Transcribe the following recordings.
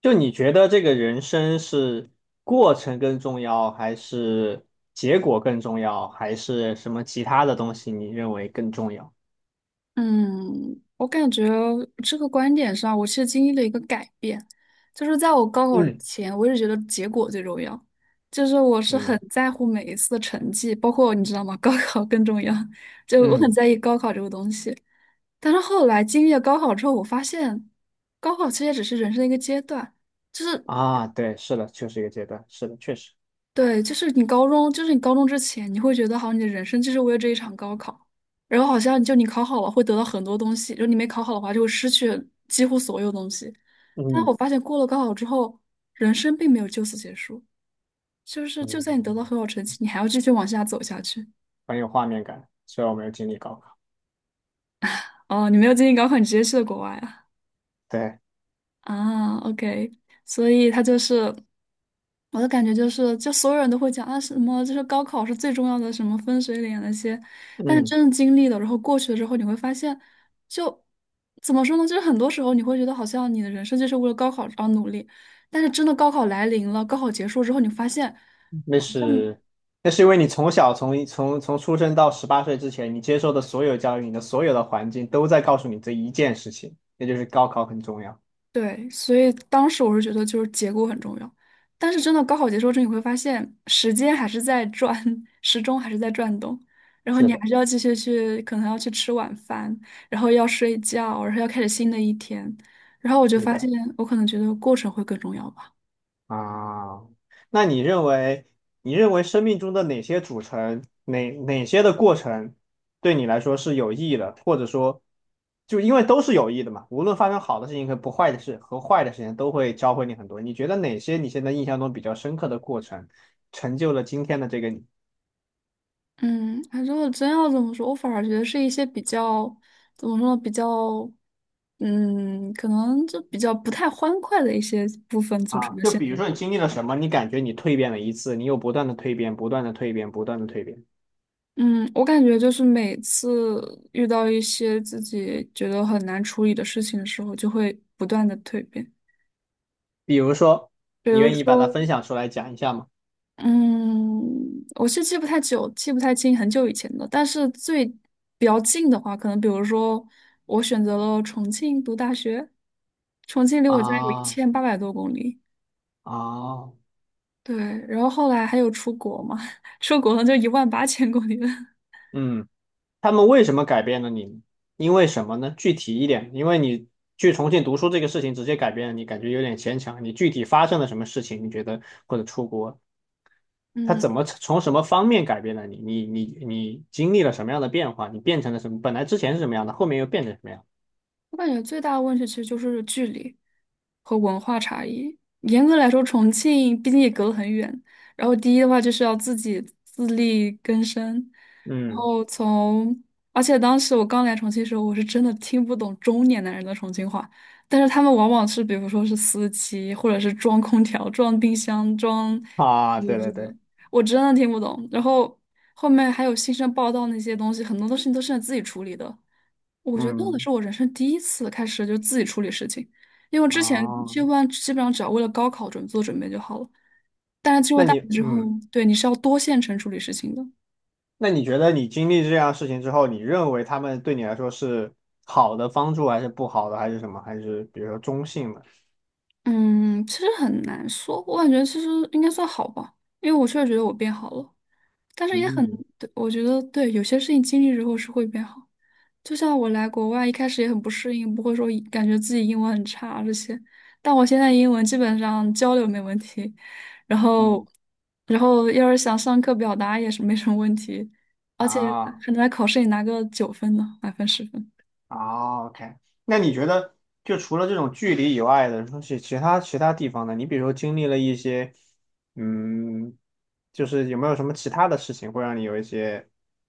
就你觉得这个人生是过程更重要，还是结果更重要，还是什么其他的东西你认为更重要？嗯，我感觉这个观点上，我其实经历了一个改变，就是在我高考嗯。前，我一直觉得结果最重要，就是我是很嗯在乎每一次的成绩，包括你知道吗？高考更重要，就我很嗯在意高考这个东西。但是后来经历了高考之后，我发现，高考其实也只是人生的一个阶段，就是啊，对，是的，就是一个阶段，是的，确实。对，就是你高中之前，你会觉得好像你的人生就是为了这一场高考，然后好像就你考好了会得到很多东西，然后你没考好的话就会失去几乎所有东西。但我嗯。发现过了高考之后，人生并没有就此结束，就是就算你得嗯，到很好成绩，你还要继续往下走下去。很有画面感。虽然我没有经历高考。哦，你没有经历高考，你直接去了国外啊？对。啊，OK，所以他就是。我的感觉就是，就所有人都会讲啊，什么就是高考是最重要的，什么分水岭那些，但是嗯。真的经历了，然后过去了之后，你会发现，就怎么说呢？就是很多时候你会觉得好像你的人生就是为了高考而努力，但是真的高考来临了，高考结束之后，你发现那像是那是因为你从小从出生到十八岁之前，你接受的所有教育，你的所有的环境都在告诉你这一件事情，那就是高考很重要。对，所以当时我是觉得就是结果很重要，但是真的高考结束之后，你会发现时间还是在转，时钟还是在转动，然后是你的，还是要继续去，可能要去吃晚饭，然后要睡觉，然后要开始新的一天，然后我就是发现的。我可能觉得过程会更重要吧。啊，那你认为，你认为生命中的哪些组成，哪些的过程，对你来说是有意义的，或者说，就因为都是有益的嘛，无论发生好的事情和不坏的事和坏的事情，都会教会你很多。你觉得哪些你现在印象中比较深刻的过程，成就了今天的这个你？嗯，反正我真要这么说，我反而觉得是一些比较怎么说呢，比较嗯，可能就比较不太欢快的一些部分组啊，成的就现比在如的说你我。经历了什么，你感觉你蜕变了一次，你又不断的蜕变，不断的蜕变，不断的蜕变。嗯，我感觉就是每次遇到一些自己觉得很难处理的事情的时候，就会不断的蜕变。比如说，比你如愿意把它说，分享出来讲一下吗？嗯，我是记不太久，记不太清很久以前的，但是比较近的话，可能比如说我选择了重庆读大学，重庆离我家有一啊千八百多公里，啊，对，然后后来还有出国嘛，出国了就18000公里了。嗯。他们为什么改变了你呢？因为什么呢？具体一点，因为你去重庆读书这个事情直接改变了你，感觉有点牵强。你具体发生了什么事情？你觉得或者出国，他嗯，怎么从什么方面改变了你？你经历了什么样的变化？你变成了什么？本来之前是什么样的，后面又变成什么样？我感觉最大的问题其实就是距离和文化差异。严格来说，重庆毕竟也隔得很远。然后第一的话就是要自己自力更生，然嗯。后从，而且当时我刚来重庆的时候，我是真的听不懂中年男人的重庆话，但是他们往往是比如说是司机，或者是装空调、装冰箱、装啊，洗衣对机对的，对。我真的听不懂。然后后面还有新生报道那些东西，很多东西都是自己处理的。我觉得那个嗯。是我人生第一次开始就自己处理事情，因为我之前啊，基本上只要为了高考做准备就好了。那你之后，嗯。对，你是要多线程处理事情的。那你觉得你经历这样的事情之后，你认为他们对你来说是好的帮助，还是不好的，还是什么？还是比如说中性的？嗯，其实很难说，我感觉其实应该算好吧，因为我确实觉得我变好了，但是也很，嗯。对，我觉得对，有些事情经历之后是会变好。就像我来国外一开始也很不适应，不会说感觉自己英文很差这些，但我现在英文基本上交流没问题，然后，嗯，然后要是想上课表达也是没什么问题，而且啊。可能在考试里拿个9分呢，满分10分。啊，OK。那你觉得，就除了这种距离以外的东西，其他地方呢？你比如说经历了一些，嗯，就是有没有什么其他的事情会让你有一些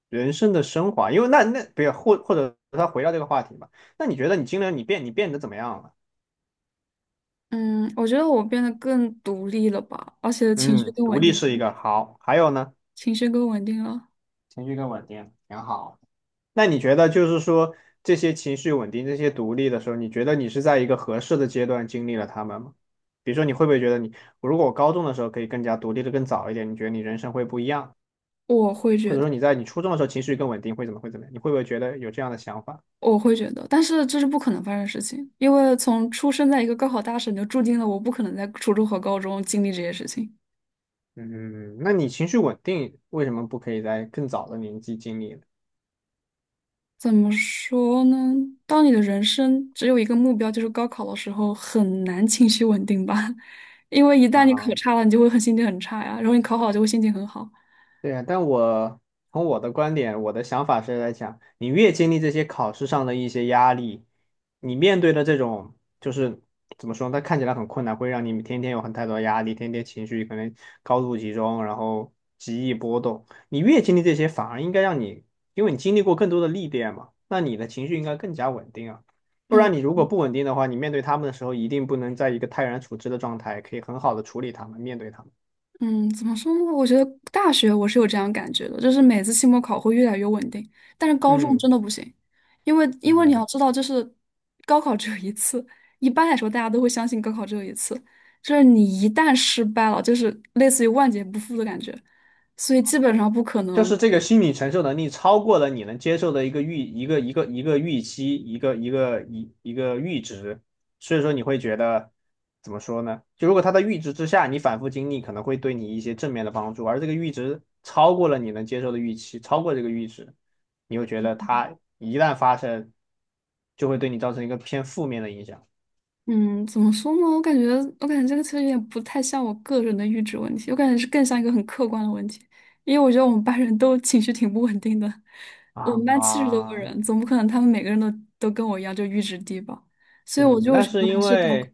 人生的升华？因为那，比如或者他回到这个话题吧，那你觉得你经历了你变你变得怎么样了？嗯，我觉得我变得更独立了吧，而且情绪嗯，更独稳立定是一了，个好，还有呢？情绪更稳定了。情绪更稳定，挺好。那你觉得就是说这些情绪稳定、这些独立的时候，你觉得你是在一个合适的阶段经历了他们吗？比如说，你会不会觉得你，如果我高中的时候可以更加独立的更早一点，你觉得你人生会不一样？我会或觉者得，说你在你初中的时候情绪更稳定，会怎么样？你会不会觉得有这样的想法？我会觉得，但是这是不可能发生的事情，因为从出生在一个高考大省，就注定了我不可能在初中和高中经历这些事情。嗯，那你情绪稳定为什么不可以在更早的年纪经历呢？怎么说呢？当你的人生只有一个目标，就是高考的时候，很难情绪稳定吧？因为一旦你啊，考差了，你就会很心情很差呀，然后你考好就会心情很好。对呀，但我从我的观点，我的想法是来讲，你越经历这些考试上的一些压力，你面对的这种就是怎么说呢，它看起来很困难，会让你天天有很太多的压力，天天情绪可能高度集中，然后极易波动。你越经历这些，反而应该让你，因为你经历过更多的历练嘛，那你的情绪应该更加稳定啊。不嗯然你如果不稳定的话，你面对他们的时候，一定不能在一个泰然处之的状态，可以很好的处理他们，面对他们。嗯，怎么说呢？我觉得大学我是有这样感觉的，就是每次期末考会越来越稳定，但是高中嗯。真的不行，因为你要嗯。知道，就是高考只有一次，一般来说大家都会相信高考只有一次，就是你一旦失败了，就是类似于万劫不复的感觉。所以基本上不可就能是这个心理承受能力超过了你能接受的一个预期，一个阈值，所以说你会觉得怎么说呢？就如果它的阈值之下，你反复经历可能会对你一些正面的帮助，而这个阈值超过了你能接受的预期，超过这个阈值，你会觉得它一旦发生，就会对你造成一个偏负面的影响嗯，怎么说呢？我感觉这个其实有点不太像我个人的阈值问题，我感觉是更像一个很客观的问题。因为我觉得我们班人都情绪挺不稳定的，我们班70多个啊。人，总不可能他们每个人都跟我一样就阈值低吧，所以我嗯，就会那觉是得还因是高考。为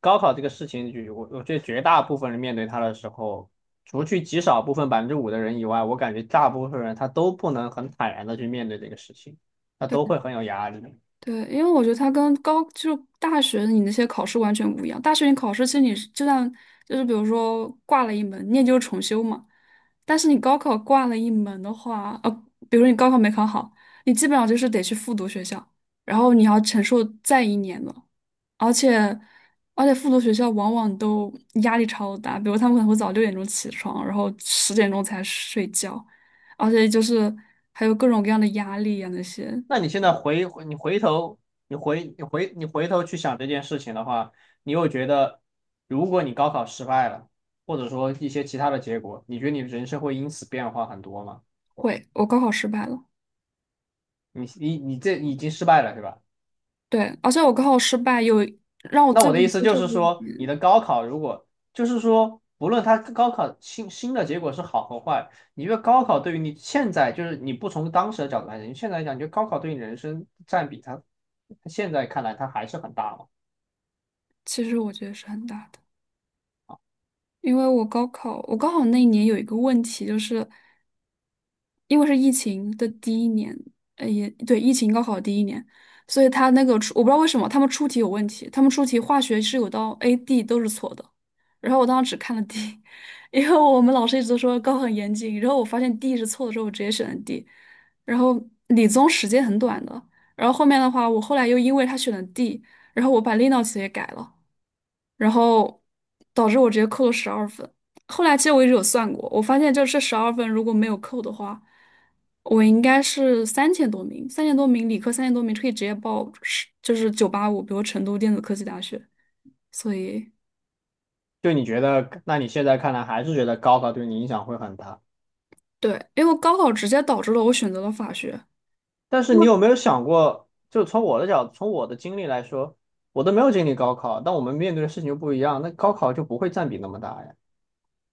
高考这个事情，就我觉得绝大部分人面对它的时候，除去极少部分5%的人以外，我感觉大部分人他都不能很坦然的去面对这个事情，他都会很有压力。对，因为我觉得它跟高就大学你那些考试完全不一样。大学你考试其实你是就算就是比如说挂了一门，你也就是重修嘛。但是你高考挂了一门的话，比如说你高考没考好，你基本上就是得去复读学校，然后你要承受再一年了。而且复读学校往往都压力超大，比如他们可能会早6点钟起床，然后10点钟才睡觉，而且就是还有各种各样的压力啊那些。那你现在回头，你回头去想这件事情的话，你又觉得，如果你高考失败了，或者说一些其他的结果，你觉得你的人生会因此变化很多吗？会，我高考失败了。你这已经失败了，是吧？对，而且我高考失败有让我那最我不的意能思接就受是的一说，你点，的高考如果就是说，不论它高考新的结果是好和坏，你觉得高考对于你现在就是你不从当时的角度来讲，你现在来讲，你觉得高考对你人生占比它，它现在看来它还是很大嘛？其实我觉得是很大的，因为我高考，我高考那一年有一个问题，就是因为是疫情的第一年，也对，疫情高考第一年，所以他那个出，我不知道为什么他们出题有问题，他们出题化学是有道 A、D 都是错的，然后我当时只看了 D，因为我们老师一直都说高很严谨，然后我发现 D 是错的之后，我直接选了 D，然后理综时间很短的，然后后面的话，我后来又因为他选了 D，然后我把 Linux 也改了。然后导致我直接扣了十二分。后来其实我一直有算过，我发现就是这十二分如果没有扣的话，我应该是三千多名，三千多名理科三千多名可以直接报是就是985，比如成都电子科技大学。所以就你觉得，那你现在看来还是觉得高考对你影响会很大，对，因为高考直接导致了我选择了法学，但是因你为有没有想过，就从我的角，从我的经历来说，我都没有经历高考，但我们面对的事情就不一样，那高考就不会占比那么大呀，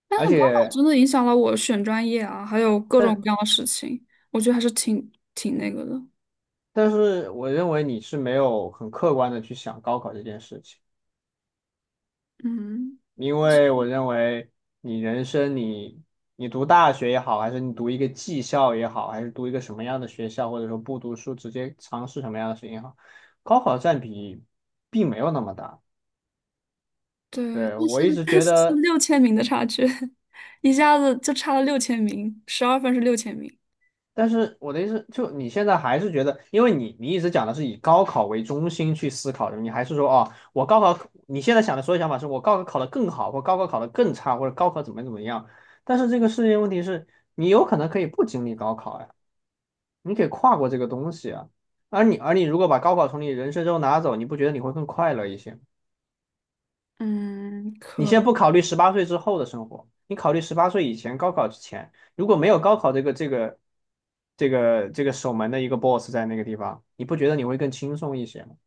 但而是高考且。真的影响了我选专业啊，还有各种但。各样的事情，我觉得还是挺那个的，但是我认为你是没有很客观的去想高考这件事情，嗯。因为我认为你人生你你读大学也好，还是你读一个技校也好，还是读一个什么样的学校，或者说不读书直接尝试什么样的事情也好，高考占比并没有那么大。对，对，但我一是直但觉是是得，六千名的差距，一下子就差了6000名，十二分是六千名。但是我的意思，就你现在还是觉得，因为你一直讲的是以高考为中心去思考的，你还是说哦，我高考，你现在想的所有想法是我高考考得更好，或高考考得更差，或者高考怎么怎么样。但是这个世界问题是，你有可能可以不经历高考呀，你可以跨过这个东西啊。而你如果把高考从你人生中拿走，你不觉得你会更快乐一些吗？嗯，你可先不考虑十八岁之后的生活，你考虑十八岁以前高考之前，如果没有高考这个守门的一个 boss 在那个地方，你不觉得你会更轻松一些吗？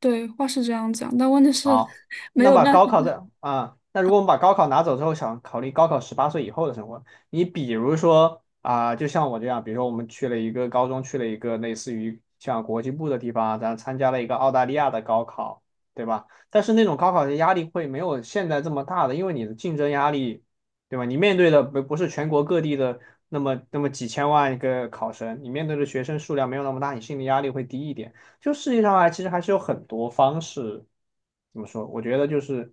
对，话是这样讲，但问题是 好，没那有把办高法。考在啊，那如果我们把高考拿走之后，想考虑高考十八岁以后的生活，你比如说啊，就像我这样，比如说我们去了一个高中，去了一个类似于像国际部的地方啊，咱参加了一个澳大利亚的高考，对吧？但是那种高考的压力会没有现在这么大的，因为你的竞争压力，对吧？你面对的不是全国各地的那么几千万个考生，你面对的学生数量没有那么大，你心理压力会低一点。就世界上啊，其实还是有很多方式。怎么说？我觉得就是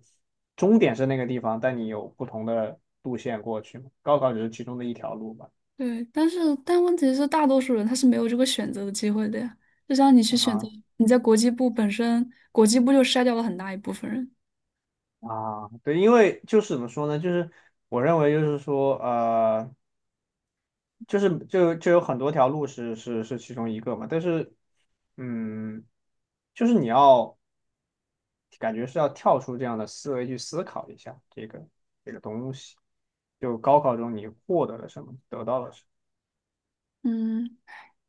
终点是那个地方，但你有不同的路线过去嘛。高考只是其中的一条路吧。对，但问题是，大多数人他是没有这个选择的机会的呀。就像你去选择，啊你在国际部本身，国际部就筛掉了很大一部分人。对，因为就是怎么说呢？就是我认为就是说，就是就有很多条路是其中一个嘛。但是，嗯，就是你要感觉是要跳出这样的思维去思考一下这个东西。就高考中你获得了什么，得到了什么。嗯，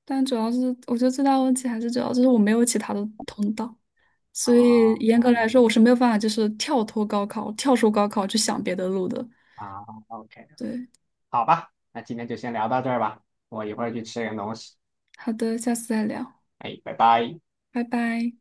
但主要是我觉得最大的问题还是主要就是我没有其他的通道，啊所以严格来说，嗯我是没有办法就是跳脱高考，跳出高考去想别的路的。啊，OK,对，好吧，那今天就先聊到这儿吧，我一会儿去吃点东西。好的，下次再聊，哎，拜拜。拜拜。